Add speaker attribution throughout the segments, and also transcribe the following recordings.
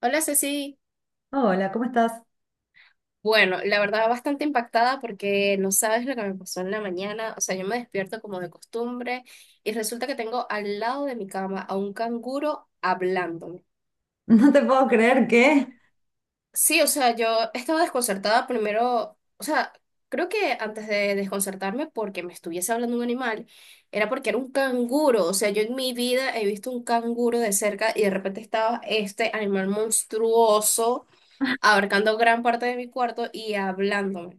Speaker 1: Hola Ceci,
Speaker 2: Hola, ¿cómo estás?
Speaker 1: bueno, la verdad bastante impactada porque no sabes lo que me pasó en la mañana. O sea, yo me despierto como de costumbre y resulta que tengo al lado de mi cama a un canguro hablándome.
Speaker 2: No te puedo creer que,
Speaker 1: Sí, o sea, yo estaba desconcertada primero. O sea, creo que antes de desconcertarme porque me estuviese hablando un animal, era porque era un canguro. O sea, yo en mi vida he visto un canguro de cerca y de repente estaba este animal monstruoso abarcando gran parte de mi cuarto y hablándome.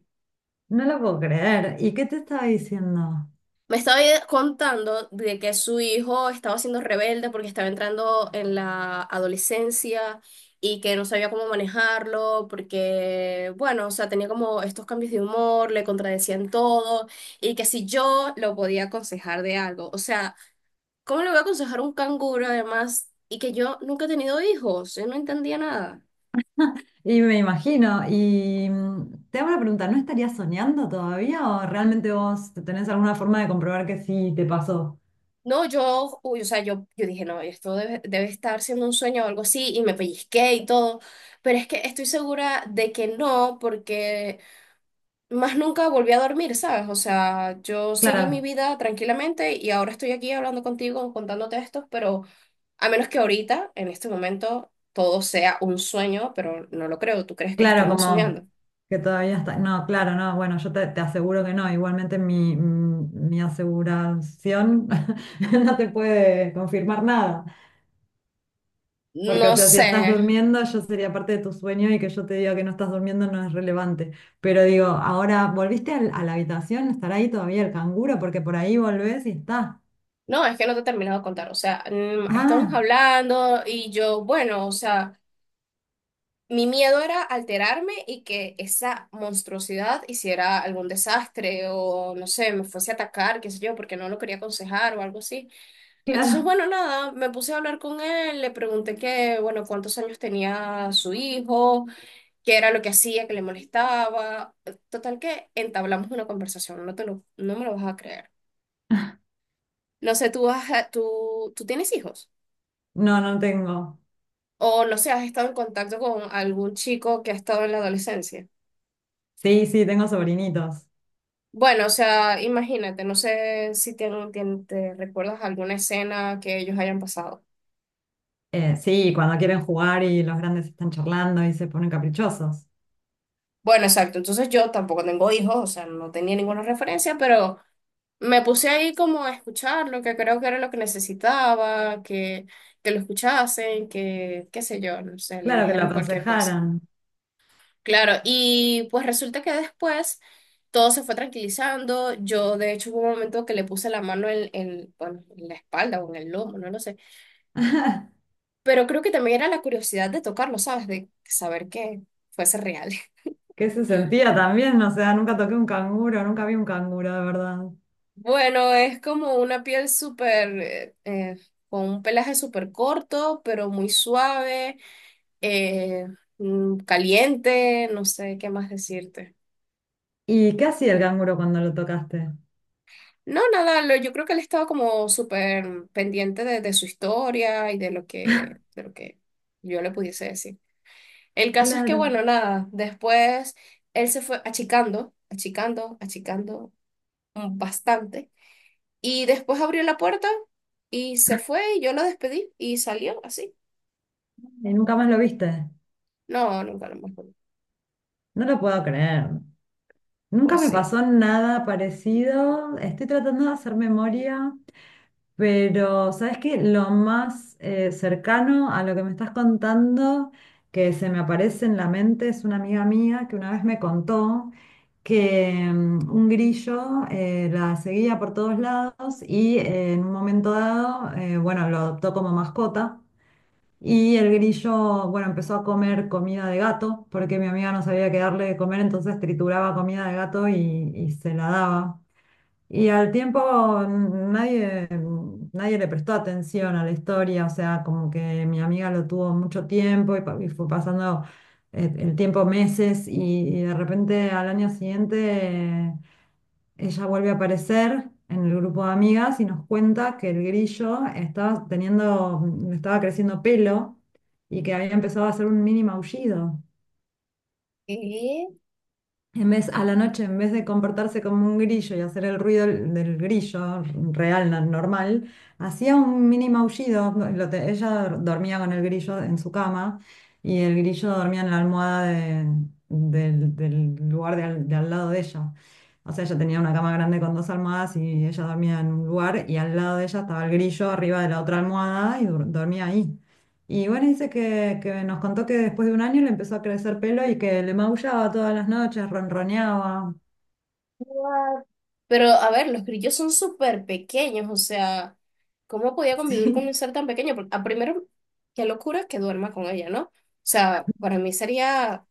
Speaker 2: no lo puedo creer. ¿Y qué te estaba diciendo?
Speaker 1: Me estaba contando de que su hijo estaba siendo rebelde porque estaba entrando en la adolescencia y que no sabía cómo manejarlo porque, bueno, o sea, tenía como estos cambios de humor, le contradecían todo y que si yo lo podía aconsejar de algo. O sea, ¿cómo le voy a aconsejar a un canguro además y que yo nunca he tenido hijos? Yo no entendía nada.
Speaker 2: Y me imagino, y te hago una pregunta, ¿no estarías soñando todavía o realmente vos tenés alguna forma de comprobar que sí te pasó?
Speaker 1: No, yo, uy, o sea, yo dije, no, esto debe, debe estar siendo un sueño o algo así, y me pellizqué y todo, pero es que estoy segura de que no, porque más nunca volví a dormir, ¿sabes? O sea, yo seguí mi
Speaker 2: Claro,
Speaker 1: vida tranquilamente y ahora estoy aquí hablando contigo, contándote esto, pero a menos que ahorita, en este momento, todo sea un sueño, pero no lo creo. ¿Tú crees que
Speaker 2: claro,
Speaker 1: estemos
Speaker 2: como
Speaker 1: soñando?
Speaker 2: que todavía está. No, claro, no, bueno, te aseguro que no. Igualmente mi aseguración no te puede confirmar nada. Porque,
Speaker 1: No
Speaker 2: o sea, si
Speaker 1: sé.
Speaker 2: estás durmiendo, yo sería parte de tu sueño y que yo te diga que no estás durmiendo no es relevante. Pero digo, ahora, ¿a la habitación? ¿Estará ahí todavía el canguro? Porque por ahí volvés y está.
Speaker 1: No, es que no te he terminado de contar. O sea, estábamos
Speaker 2: Ah,
Speaker 1: hablando y yo, bueno, o sea, mi miedo era alterarme y que esa monstruosidad hiciera algún desastre o, no sé, me fuese a atacar, qué sé yo, porque no lo quería aconsejar o algo así. Entonces,
Speaker 2: claro.
Speaker 1: bueno, nada, me puse a hablar con él, le pregunté que, bueno, cuántos años tenía su hijo, qué era lo que hacía, que le molestaba. Total que entablamos una conversación, no te lo, no me lo vas a creer. No sé, tú, has, tú tienes hijos
Speaker 2: No, no tengo.
Speaker 1: o, no sé, has estado en contacto con algún chico que ha estado en la adolescencia.
Speaker 2: Sí, sí, tengo sobrinitos.
Speaker 1: Bueno, o sea, imagínate, no sé si te recuerdas alguna escena que ellos hayan pasado.
Speaker 2: Sí, cuando quieren jugar y los grandes están charlando y se ponen caprichosos.
Speaker 1: Bueno, exacto, entonces yo tampoco tengo hijos, o sea, no tenía ninguna referencia, pero me puse ahí como a escuchar lo que creo que era lo que necesitaba, que lo escuchasen, que, qué sé yo, no sé, le
Speaker 2: Claro que lo
Speaker 1: dijeran cualquier cosa.
Speaker 2: aconsejaran.
Speaker 1: Claro, y pues resulta que después todo se fue tranquilizando. Yo de hecho hubo un momento que le puse la mano bueno, en la espalda o en el lomo, no lo sé. Pero creo que también era la curiosidad de tocarlo, ¿sabes? De saber que fuese real.
Speaker 2: ¿Qué se sentía también? O sea, nunca toqué un canguro, nunca vi un canguro, de verdad.
Speaker 1: Bueno, es como una piel súper, con un pelaje súper corto, pero muy suave, eh, caliente, no sé qué más decirte.
Speaker 2: ¿Y qué hacía el canguro cuando lo tocaste?
Speaker 1: No, nada, lo- yo creo que él estaba como súper pendiente de su historia y de lo que yo le pudiese decir. El caso es que,
Speaker 2: Claro.
Speaker 1: bueno, nada, después él se fue achicando, achicando, achicando bastante. Y después abrió la puerta y se fue y yo lo despedí y salió así.
Speaker 2: ¿Y nunca más lo viste?
Speaker 1: No, nunca lo mejor.
Speaker 2: No lo puedo creer.
Speaker 1: Fue
Speaker 2: Nunca me
Speaker 1: así.
Speaker 2: pasó nada parecido. Estoy tratando de hacer memoria, pero ¿sabes qué? Lo más cercano a lo que me estás contando que se me aparece en la mente es una amiga mía que una vez me contó que un grillo la seguía por todos lados y en un momento dado, bueno, lo adoptó como mascota. Y el grillo, bueno, empezó a comer comida de gato, porque mi amiga no sabía qué darle de comer, entonces trituraba comida de gato y se la daba. Y al tiempo mm, nadie, nadie le prestó atención a la historia, o sea, como que mi amiga lo tuvo mucho tiempo y fue pasando el tiempo meses, y de repente al año siguiente ella vuelve a aparecer en el grupo de amigas y nos cuenta que el grillo estaba creciendo pelo y que había empezado a hacer un mini maullido.
Speaker 1: ¿Qué?
Speaker 2: En vez, a la noche, en vez de comportarse como un grillo y hacer el ruido del grillo real, normal, hacía un mini maullido. Ella dormía con el grillo en su cama y el grillo dormía en la almohada de- del, del lugar de al lado de ella. O sea, ella tenía una cama grande con dos almohadas y ella dormía en un lugar y al lado de ella estaba el grillo arriba de la otra almohada y dormía ahí. Y bueno, que nos contó que después de un año le empezó a crecer pelo y que le maullaba todas las noches, ronroneaba.
Speaker 1: What? Pero a ver, los grillos son súper pequeños. O sea, ¿cómo podía convivir con un
Speaker 2: Sí.
Speaker 1: ser tan pequeño? Porque, a primero, qué locura que duerma con ella, ¿no? O sea, para mí sería,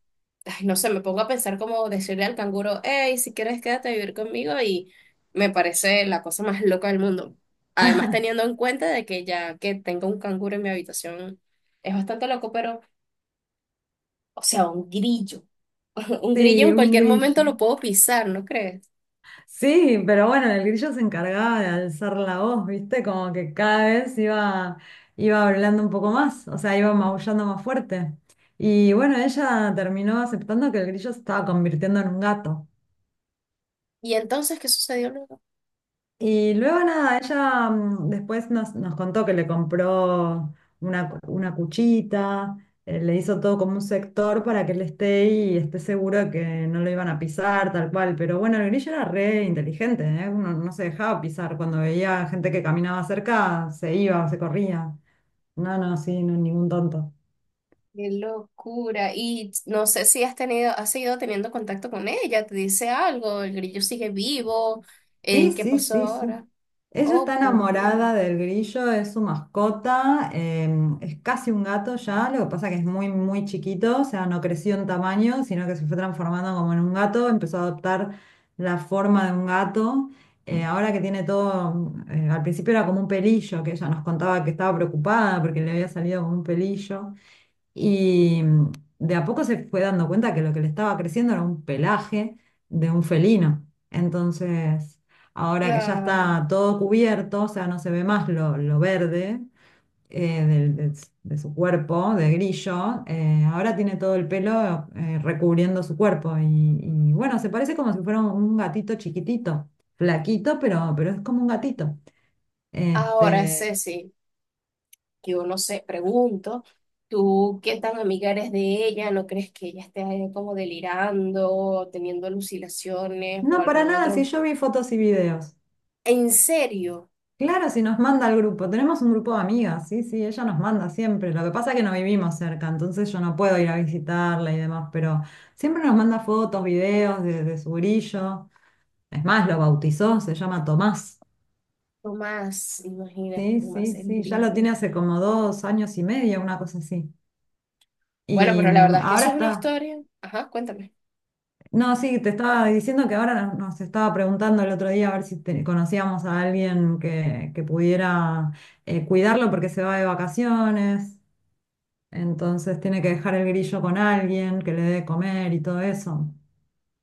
Speaker 1: ay, no sé, me pongo a pensar como decirle al canguro, hey, si quieres quédate a vivir conmigo y me parece la cosa más loca del mundo. Además, teniendo en cuenta de que ya que tengo un canguro en mi habitación, es bastante loco, pero, o sea, un grillo, un grillo
Speaker 2: Sí,
Speaker 1: en
Speaker 2: un
Speaker 1: cualquier momento
Speaker 2: grillo.
Speaker 1: lo puedo pisar, ¿no crees?
Speaker 2: Sí, pero bueno, el grillo se encargaba de alzar la voz, ¿viste? Como que iba hablando un poco más, o sea, iba maullando más fuerte. Y bueno, ella terminó aceptando que el grillo se estaba convirtiendo en un gato.
Speaker 1: ¿Y entonces qué sucedió luego?
Speaker 2: Y luego nada, ella después nos contó que le compró una cuchita, le hizo todo como un sector para que él esté y esté seguro de que no lo iban a pisar, tal cual. Pero bueno, el grillo era re inteligente, ¿eh? Uno no se dejaba pisar. Cuando veía gente que caminaba cerca, se iba, se corría. No, no, sí, no, ningún tonto.
Speaker 1: Qué locura. Y no sé si has tenido, has seguido teniendo contacto con ella, te dice algo, el grillo sigue vivo,
Speaker 2: Sí,
Speaker 1: ¿qué
Speaker 2: sí,
Speaker 1: pasó
Speaker 2: sí,
Speaker 1: ahora?
Speaker 2: sí. Ella está
Speaker 1: Oh, por Dios.
Speaker 2: enamorada del grillo, es su mascota, es casi un gato ya, lo que pasa que es muy, muy chiquito, o sea, no creció en tamaño, sino que se fue transformando como en un gato, empezó a adoptar la forma de un gato. Ahora que tiene todo, al principio era como un pelillo, que ella nos contaba que estaba preocupada porque le había salido como un pelillo. Y de a poco se fue dando cuenta que lo que le estaba creciendo era un pelaje de un felino. Entonces, ahora que ya
Speaker 1: Claro.
Speaker 2: está todo cubierto, o sea, no se ve más lo verde de, de su cuerpo, de grillo, ahora tiene todo el pelo recubriendo su cuerpo. Y bueno, se parece como si fuera un gatito chiquitito, flaquito, pero es como un gatito.
Speaker 1: Ahora,
Speaker 2: Este,
Speaker 1: Ceci, yo no sé, pregunto, ¿tú qué tan amiga eres de ella? ¿No crees que ella esté como delirando, teniendo alucinaciones o
Speaker 2: no, para
Speaker 1: algún
Speaker 2: nada, si
Speaker 1: otro?
Speaker 2: yo vi fotos y videos.
Speaker 1: En serio,
Speaker 2: Claro, si nos manda al grupo. Tenemos un grupo de amigas, sí, sí, ella nos manda siempre. Lo que pasa es que no vivimos cerca, entonces yo no puedo ir a visitarla y demás, pero siempre nos manda fotos, videos de su grillo. Es más, lo bautizó, se llama Tomás.
Speaker 1: Tomás, imagínate,
Speaker 2: Sí,
Speaker 1: Tomás,
Speaker 2: sí,
Speaker 1: el
Speaker 2: sí, ya lo
Speaker 1: grillo.
Speaker 2: tiene hace como dos años y medio, una cosa así.
Speaker 1: Bueno,
Speaker 2: Y
Speaker 1: pero la verdad es que
Speaker 2: ahora
Speaker 1: eso es una
Speaker 2: está.
Speaker 1: historia. Ajá, cuéntame.
Speaker 2: No, sí, te estaba diciendo que ahora nos estaba preguntando el otro día a ver si conocíamos a alguien que pudiera cuidarlo porque se va de vacaciones. Entonces tiene que dejar el grillo con alguien que le dé de comer y todo eso.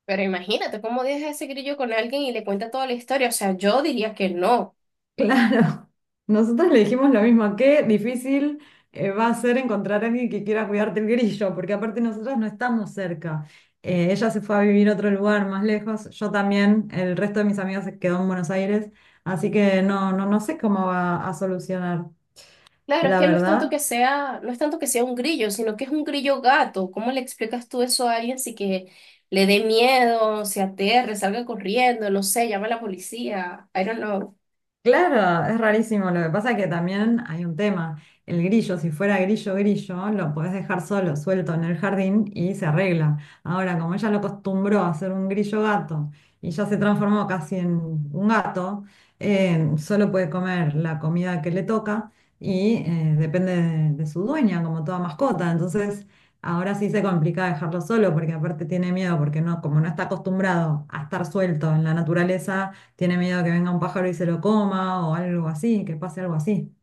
Speaker 1: Pero imagínate cómo deja ese grillo con alguien y le cuenta toda la historia. O sea, yo diría que no.
Speaker 2: Claro, nosotros le dijimos lo mismo, qué difícil va a ser encontrar a alguien que quiera cuidarte el grillo, porque aparte nosotros no estamos cerca. Ella se fue a vivir a otro lugar más lejos, yo también, el resto de mis amigos se quedó en Buenos Aires, así que no, no, no sé cómo va a solucionar,
Speaker 1: Claro, es
Speaker 2: la
Speaker 1: que no es
Speaker 2: verdad.
Speaker 1: tanto que sea, no es tanto que sea un grillo, sino que es un grillo gato. ¿Cómo le explicas tú eso a alguien si que le dé miedo, se aterre, salga corriendo, no sé, llama a la policía? I don't know.
Speaker 2: Claro, es rarísimo. Lo que pasa es que también hay un tema. El grillo, si fuera grillo, grillo, lo podés dejar solo, suelto en el jardín y se arregla. Ahora, como ella lo acostumbró a ser un grillo gato y ya se transformó casi en un gato, solo puede comer la comida que le toca y depende de su dueña, como toda mascota. Entonces, ahora sí se complica dejarlo solo porque aparte tiene miedo porque no, como no está acostumbrado a estar suelto en la naturaleza tiene miedo a que venga un pájaro y se lo coma o algo así, que pase algo así.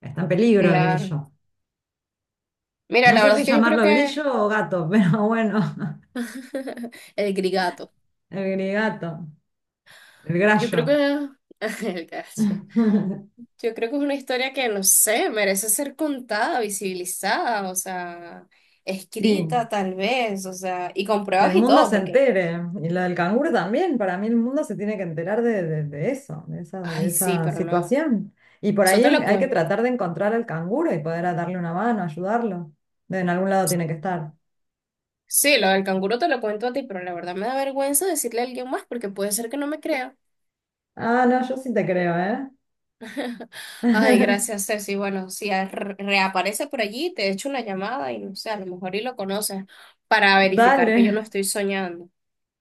Speaker 2: Está en peligro el
Speaker 1: Claro.
Speaker 2: grillo.
Speaker 1: Mira,
Speaker 2: No
Speaker 1: la
Speaker 2: sé
Speaker 1: verdad
Speaker 2: si
Speaker 1: es que yo creo
Speaker 2: llamarlo
Speaker 1: que
Speaker 2: grillo o gato, pero bueno,
Speaker 1: el grigato.
Speaker 2: el grigato, el
Speaker 1: Yo creo
Speaker 2: grallo.
Speaker 1: que el gato. Yo creo que es una historia que, no sé, merece ser contada, visibilizada, o sea,
Speaker 2: Sí,
Speaker 1: escrita tal vez, o sea, y con
Speaker 2: que
Speaker 1: pruebas
Speaker 2: el
Speaker 1: y
Speaker 2: mundo
Speaker 1: todo,
Speaker 2: se
Speaker 1: porque,
Speaker 2: entere. Y lo del canguro también, para mí el mundo se tiene que enterar de eso, de
Speaker 1: ay, sí,
Speaker 2: esa
Speaker 1: pero no,
Speaker 2: situación. Y por
Speaker 1: eso
Speaker 2: ahí
Speaker 1: te lo
Speaker 2: hay que
Speaker 1: cuento.
Speaker 2: tratar de encontrar al canguro y poder darle una mano, ayudarlo. De en algún lado tiene que estar.
Speaker 1: Sí, lo del canguro te lo cuento a ti, pero la verdad me da vergüenza decirle a alguien más porque puede ser que no me crea.
Speaker 2: Ah, no, yo sí te creo, ¿eh?
Speaker 1: Ay, gracias, Ceci. Bueno, si reaparece por allí, te echo una llamada y no sé, a lo mejor y lo conoces para verificar que yo no
Speaker 2: Dale.
Speaker 1: estoy soñando.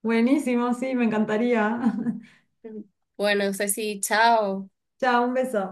Speaker 2: Buenísimo, sí, me encantaría.
Speaker 1: Bueno, Ceci, chao.
Speaker 2: Chao, un beso.